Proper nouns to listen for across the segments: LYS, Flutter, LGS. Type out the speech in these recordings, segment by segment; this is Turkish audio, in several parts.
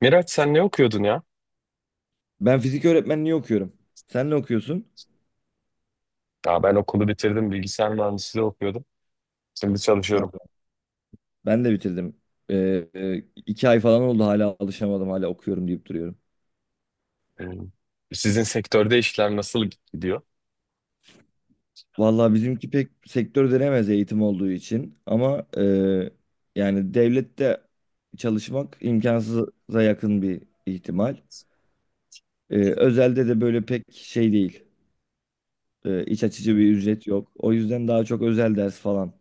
Miraç sen ne okuyordun ya? Ben fizik öğretmenliği okuyorum. Sen ne okuyorsun? Aa, ben okulu bitirdim, bilgisayar mühendisliği okuyordum. Şimdi çalışıyorum. Ha, ben de bitirdim. Ee, 2 ay falan oldu, hala alışamadım, hala okuyorum deyip duruyorum. Hmm. Sizin sektörde işler nasıl gidiyor? Vallahi bizimki pek sektör denemez, eğitim olduğu için, ama yani devlette çalışmak imkansıza yakın bir ihtimal. Özelde de böyle pek şey değil. İç açıcı Hmm. bir ücret yok. O yüzden daha çok özel ders falan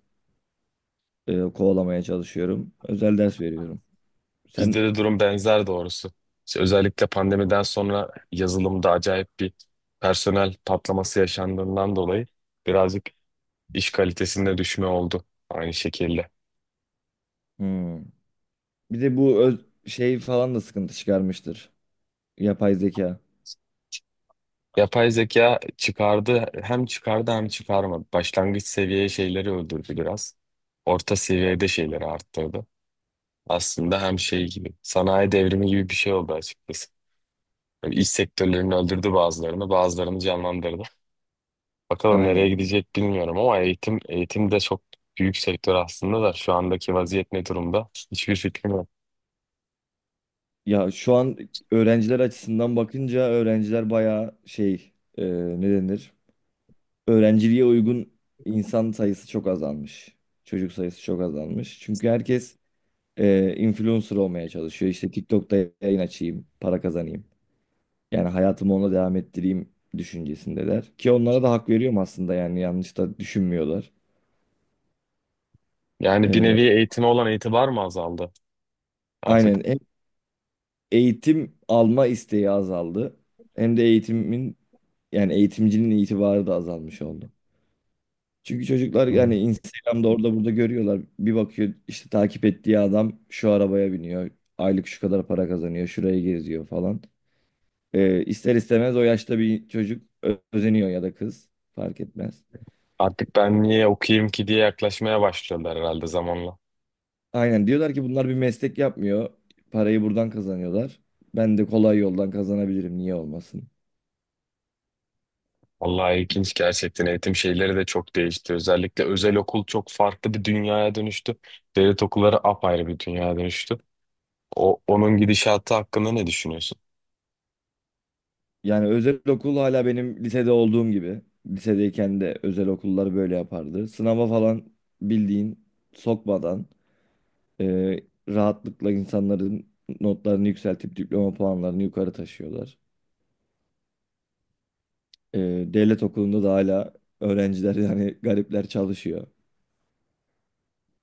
kovalamaya çalışıyorum. Özel ders veriyorum. Sen... Bizde de durum benzer doğrusu. İşte özellikle pandemiden sonra yazılımda acayip bir personel patlaması yaşandığından dolayı birazcık iş kalitesinde düşme oldu aynı şekilde. Hmm. Bir de bu şey falan da sıkıntı çıkarmıştır. Yapay zeka. Yapay zeka çıkardı, hem çıkardı hem çıkarmadı. Başlangıç seviye şeyleri öldürdü biraz. Orta seviyede şeyleri arttırdı. Aslında hem şey gibi sanayi devrimi gibi bir şey oldu açıkçası. Böyle iş sektörlerini öldürdü bazılarını, bazılarını canlandırdı. Bakalım nereye Aynen. gidecek bilmiyorum ama eğitim de çok büyük sektör aslında da şu andaki vaziyet ne durumda? Hiçbir fikrim yok. Ya şu an öğrenciler açısından bakınca öğrenciler bayağı şey, e, ne denir? Öğrenciliğe uygun insan sayısı çok azalmış. Çocuk sayısı çok azalmış. Çünkü herkes influencer olmaya çalışıyor. İşte TikTok'ta yayın açayım, para kazanayım. Yani hayatımı ona devam ettireyim düşüncesindeler. Ki onlara da hak veriyorum aslında, yani yanlış da düşünmüyorlar. Yani bir E, nevi eğitime olan itibar mı azaldı artık? Aynen. Eğitim alma isteği azaldı. Hem de eğitimin, yani eğitimcinin itibarı da azalmış oldu. Çünkü çocuklar, Hmm. yani Instagram'da orada burada görüyorlar. Bir bakıyor işte takip ettiği adam şu arabaya biniyor. Aylık şu kadar para kazanıyor. Şuraya geziyor falan. İster istemez o yaşta bir çocuk özeniyor, ya da kız fark etmez. Artık ben niye okuyayım ki diye yaklaşmaya başlıyorlar herhalde zamanla. Aynen, diyorlar ki bunlar bir meslek yapmıyor. Parayı buradan kazanıyorlar. Ben de kolay yoldan kazanabilirim, niye olmasın? Vallahi ilginç gerçekten eğitim şeyleri de çok değişti. Özellikle özel okul çok farklı bir dünyaya dönüştü. Devlet okulları apayrı bir dünyaya dönüştü. Onun gidişatı hakkında ne düşünüyorsun? Yani özel okul hala benim lisede olduğum gibi. Lisedeyken de özel okullar böyle yapardı. Sınava falan bildiğin sokmadan, e, rahatlıkla insanların notlarını yükseltip diploma puanlarını yukarı taşıyorlar. E, Devlet okulunda da hala öğrenciler, yani garipler çalışıyor.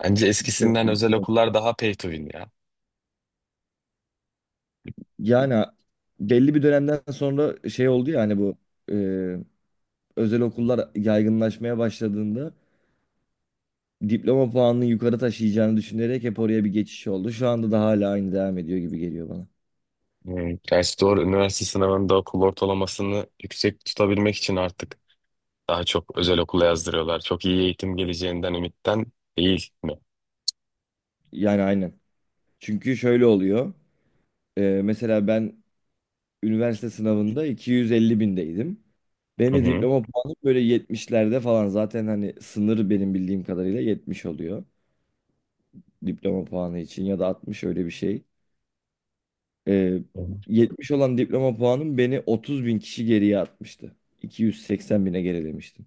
Bence Bir şey, eskisinden özel okullar daha pay to win ya. yani belli bir dönemden sonra şey oldu ya, hani bu e, özel okullar yaygınlaşmaya başladığında diploma puanını yukarı taşıyacağını düşünerek hep oraya bir geçiş oldu. Şu anda da hala aynı devam ediyor gibi geliyor bana. Hmm. Gerçi doğru, üniversite sınavında okul ortalamasını yüksek tutabilmek için artık daha çok özel okula yazdırıyorlar. Çok iyi eğitim geleceğinden ümitten değil mi? Yani aynen. Çünkü şöyle oluyor. Mesela ben üniversite sınavında 250 bindeydim. Benim Hı de hı. diploma puanım böyle 70'lerde falan. Zaten hani sınır benim bildiğim kadarıyla 70 oluyor. Diploma puanı için, ya da 60, öyle bir şey. Ee, Hı. 70 olan diploma puanım beni 30 bin kişi geriye atmıştı. 280 bine gerilemiştim.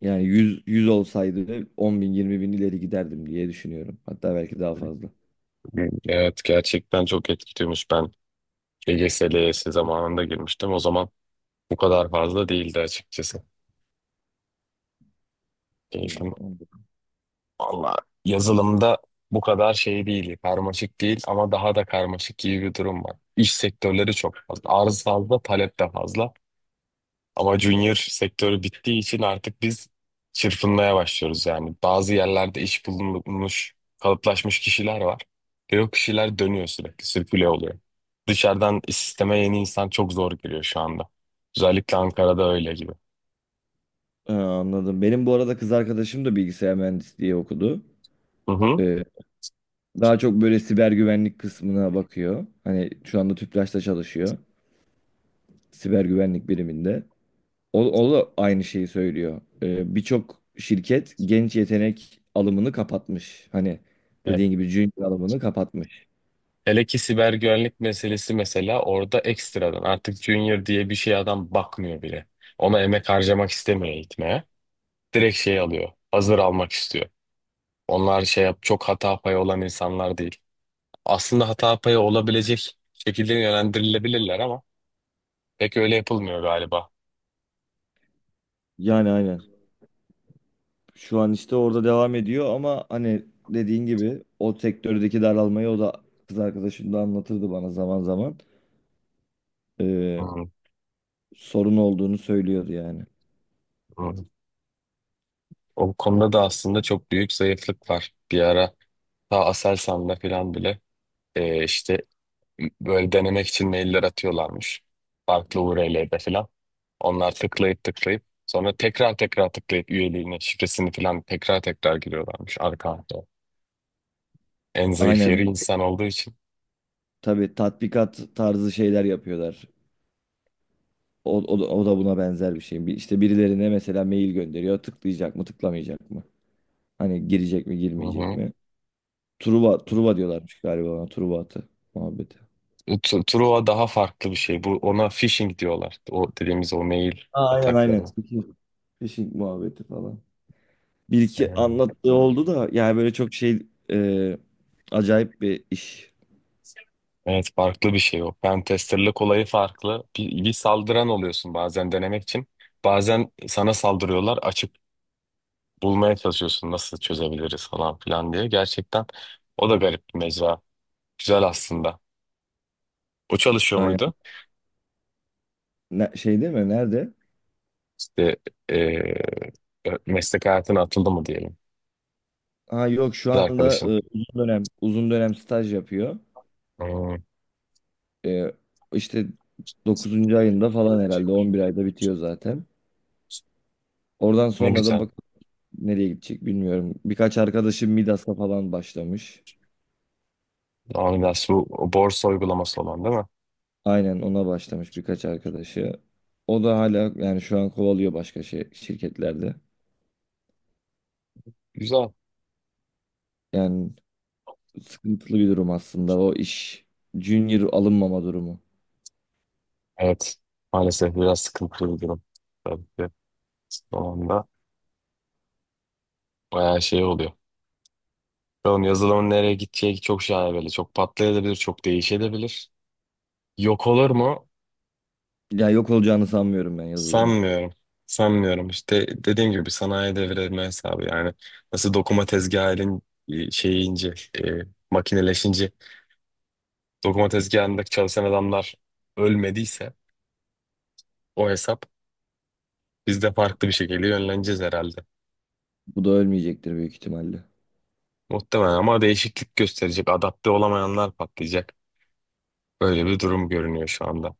Yani 100 100 olsaydı 10 bin 20 bin ileri giderdim diye düşünüyorum. Hatta belki daha fazla. Evet gerçekten çok etkiliyormuş. Ben LGS, LYS zamanında girmiştim. O zaman bu kadar fazla değildi açıkçası. Hmm, Eğitim. anladım. Valla yazılımda bu kadar şey değil, karmaşık değil ama daha da karmaşık gibi bir durum var. İş sektörleri çok fazla, arz fazla, talep de fazla. Ama junior sektörü bittiği için artık biz çırpınmaya başlıyoruz yani. Bazı yerlerde iş bulunmuş, kalıplaşmış kişiler var. Ve o kişiler dönüyor sürekli, sirküle oluyor. Dışarıdan sisteme yeni insan çok zor giriyor şu anda. Özellikle Ankara'da öyle gibi. Ha, anladım. Benim bu arada kız arkadaşım da bilgisayar mühendisliği okudu. Hı Ee, Daha çok böyle siber güvenlik kısmına bakıyor. Hani şu anda TÜPRAŞ'ta çalışıyor. Siber güvenlik biriminde. O da aynı şeyi söylüyor. Birçok şirket genç yetenek alımını kapatmış. Hani hı. dediğin gibi junior alımını kapatmış. Hele ki siber güvenlik meselesi mesela, orada ekstradan artık junior diye bir şey adam bakmıyor bile. Ona emek harcamak istemiyor eğitmeye. Direkt şey alıyor. Hazır almak istiyor. Onlar şey yap, çok hata payı olan insanlar değil. Aslında hata payı olabilecek şekilde yönlendirilebilirler ama pek öyle yapılmıyor galiba. Yani aynen. Şu an işte orada devam ediyor, ama hani dediğin gibi o sektördeki daralmayı o da, kız arkadaşım da anlatırdı bana zaman zaman. Ee, Hmm, Sorun olduğunu söylüyordu yani. hmm. O konuda da aslında çok büyük zayıflık var. Bir ara ta Aselsan'da falan bile işte böyle denemek için mailler atıyorlarmış. Farklı URL'de falan. Onlar tıklayıp tıklayıp sonra tekrar tıklayıp üyeliğini, şifresini falan tekrar giriyorlarmış arka arkaya. En zayıf Aynen, yeri insan olduğu için. tabii tatbikat tarzı şeyler yapıyorlar. O da buna benzer bir şey. İşte birilerine mesela mail gönderiyor. Tıklayacak mı, tıklamayacak mı? Hani girecek mi, Hı girmeyecek hı. mi? Truva diyorlarmış galiba ona. Truva atı muhabbeti. Truva daha farklı bir şey. Bu ona phishing diyorlar. O dediğimiz o mail Aa, aynen ataklarına. aynen. Phishing muhabbeti falan. Bir iki Aynen, öyle. anlattığı oldu da, yani böyle çok şey acayip bir iş. Evet farklı bir şey o. Pentesterlık olayı farklı. Bir saldıran oluyorsun bazen denemek için. Bazen sana saldırıyorlar. Açık bulmaya çalışıyorsun, nasıl çözebiliriz falan filan diye. Gerçekten o da garip bir mecra. Güzel aslında. O çalışıyor Aynen. muydu? Şey değil mi? Nerede? İşte eee, meslek hayatına atıldı mı diyelim. Ha, yok, şu Kız anda arkadaşın. Uzun dönem staj yapıyor. Hmm, E, işte 9. ayında falan herhalde 11 ayda bitiyor zaten. Oradan ne sonra da güzel. bak nereye gidecek bilmiyorum. Birkaç arkadaşım Midas'la falan başlamış. Amigas bu borsa uygulaması olan değil mi? Aynen, ona başlamış birkaç arkadaşı. O da hala, yani şu an kovalıyor başka şey, şirketlerde. Güzel. Yani sıkıntılı bir durum aslında o iş. Junior alınmama durumu. Evet. Maalesef biraz sıkıntılı bir durum. Tabii ki sonunda bayağı şey oluyor. Bakalım yazılımın nereye gideceği çok şaibeli. Çok patlayabilir, çok değişebilir. Yok olur mu? Ya yok olacağını sanmıyorum ben yazılımın. Sanmıyorum. Sanmıyorum. İşte dediğim gibi sanayi devrilme hesabı yani. Nasıl dokuma tezgahı elin şeyi ince, e, makineleşince dokuma tezgahındaki çalışan adamlar ölmediyse o hesap biz de farklı bir şekilde yönleneceğiz herhalde. Bu da ölmeyecektir büyük ihtimalle. Muhtemelen ama değişiklik gösterecek. Adapte olamayanlar patlayacak. Böyle bir durum görünüyor şu anda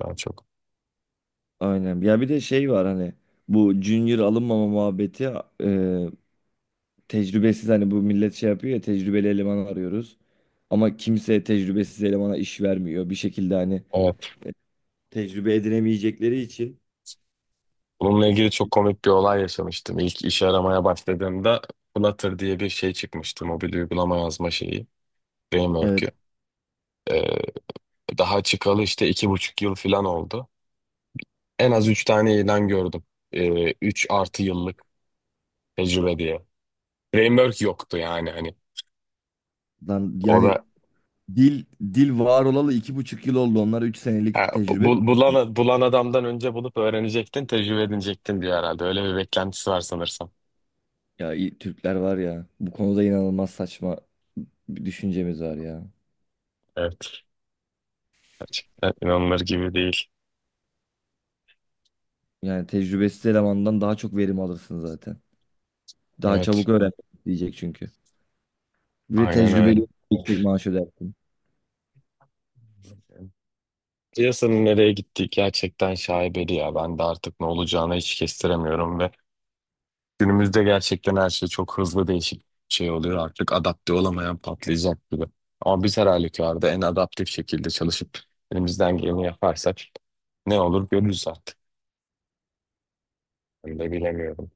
daha çok. Aynen. Ya bir de şey var hani bu junior alınmama muhabbeti, e, tecrübesiz, hani bu millet şey yapıyor ya, tecrübeli eleman arıyoruz. Ama kimse tecrübesiz elemana iş vermiyor. Bir şekilde hani Evet. tecrübe edinemeyecekleri için. Bununla ilgili çok komik bir olay yaşamıştım. İlk iş aramaya başladığımda Flutter diye bir şey çıkmıştı. Mobil uygulama yazma şeyi. Evet Framework'ü. Ee, daha çıkalı işte iki buçuk yıl falan oldu. En az üç tane ilan gördüm. Üç artı yıllık tecrübe diye. Framework yoktu yani hani. lan O yani da dil dil var olalı 2,5 yıl oldu. Onlar üç ha, senelik tecrübe. bulan adamdan önce bulup öğrenecektin, tecrübe edinecektin diyor herhalde. Öyle bir beklentisi var sanırsam. Ya Türkler var ya, bu konuda inanılmaz saçma bir düşüncemiz var ya. Evet, gerçekten inanılır gibi değil. Yani tecrübesiz elemandan daha çok verim alırsın zaten. Daha Evet, çabuk öğren diyecek çünkü. Ve aynen öyle. tecrübeli yüksek maaş ödersin. Piyasanın nereye gittiği gerçekten şaibeli ya. Ben de artık ne olacağını hiç kestiremiyorum. Ve günümüzde gerçekten her şey çok hızlı değişik şey oluyor. Artık adapte olamayan patlayacak gibi. Ama biz her halükarda en adaptif şekilde çalışıp elimizden geleni yaparsak ne olur görürüz artık. Ben de bilemiyorum.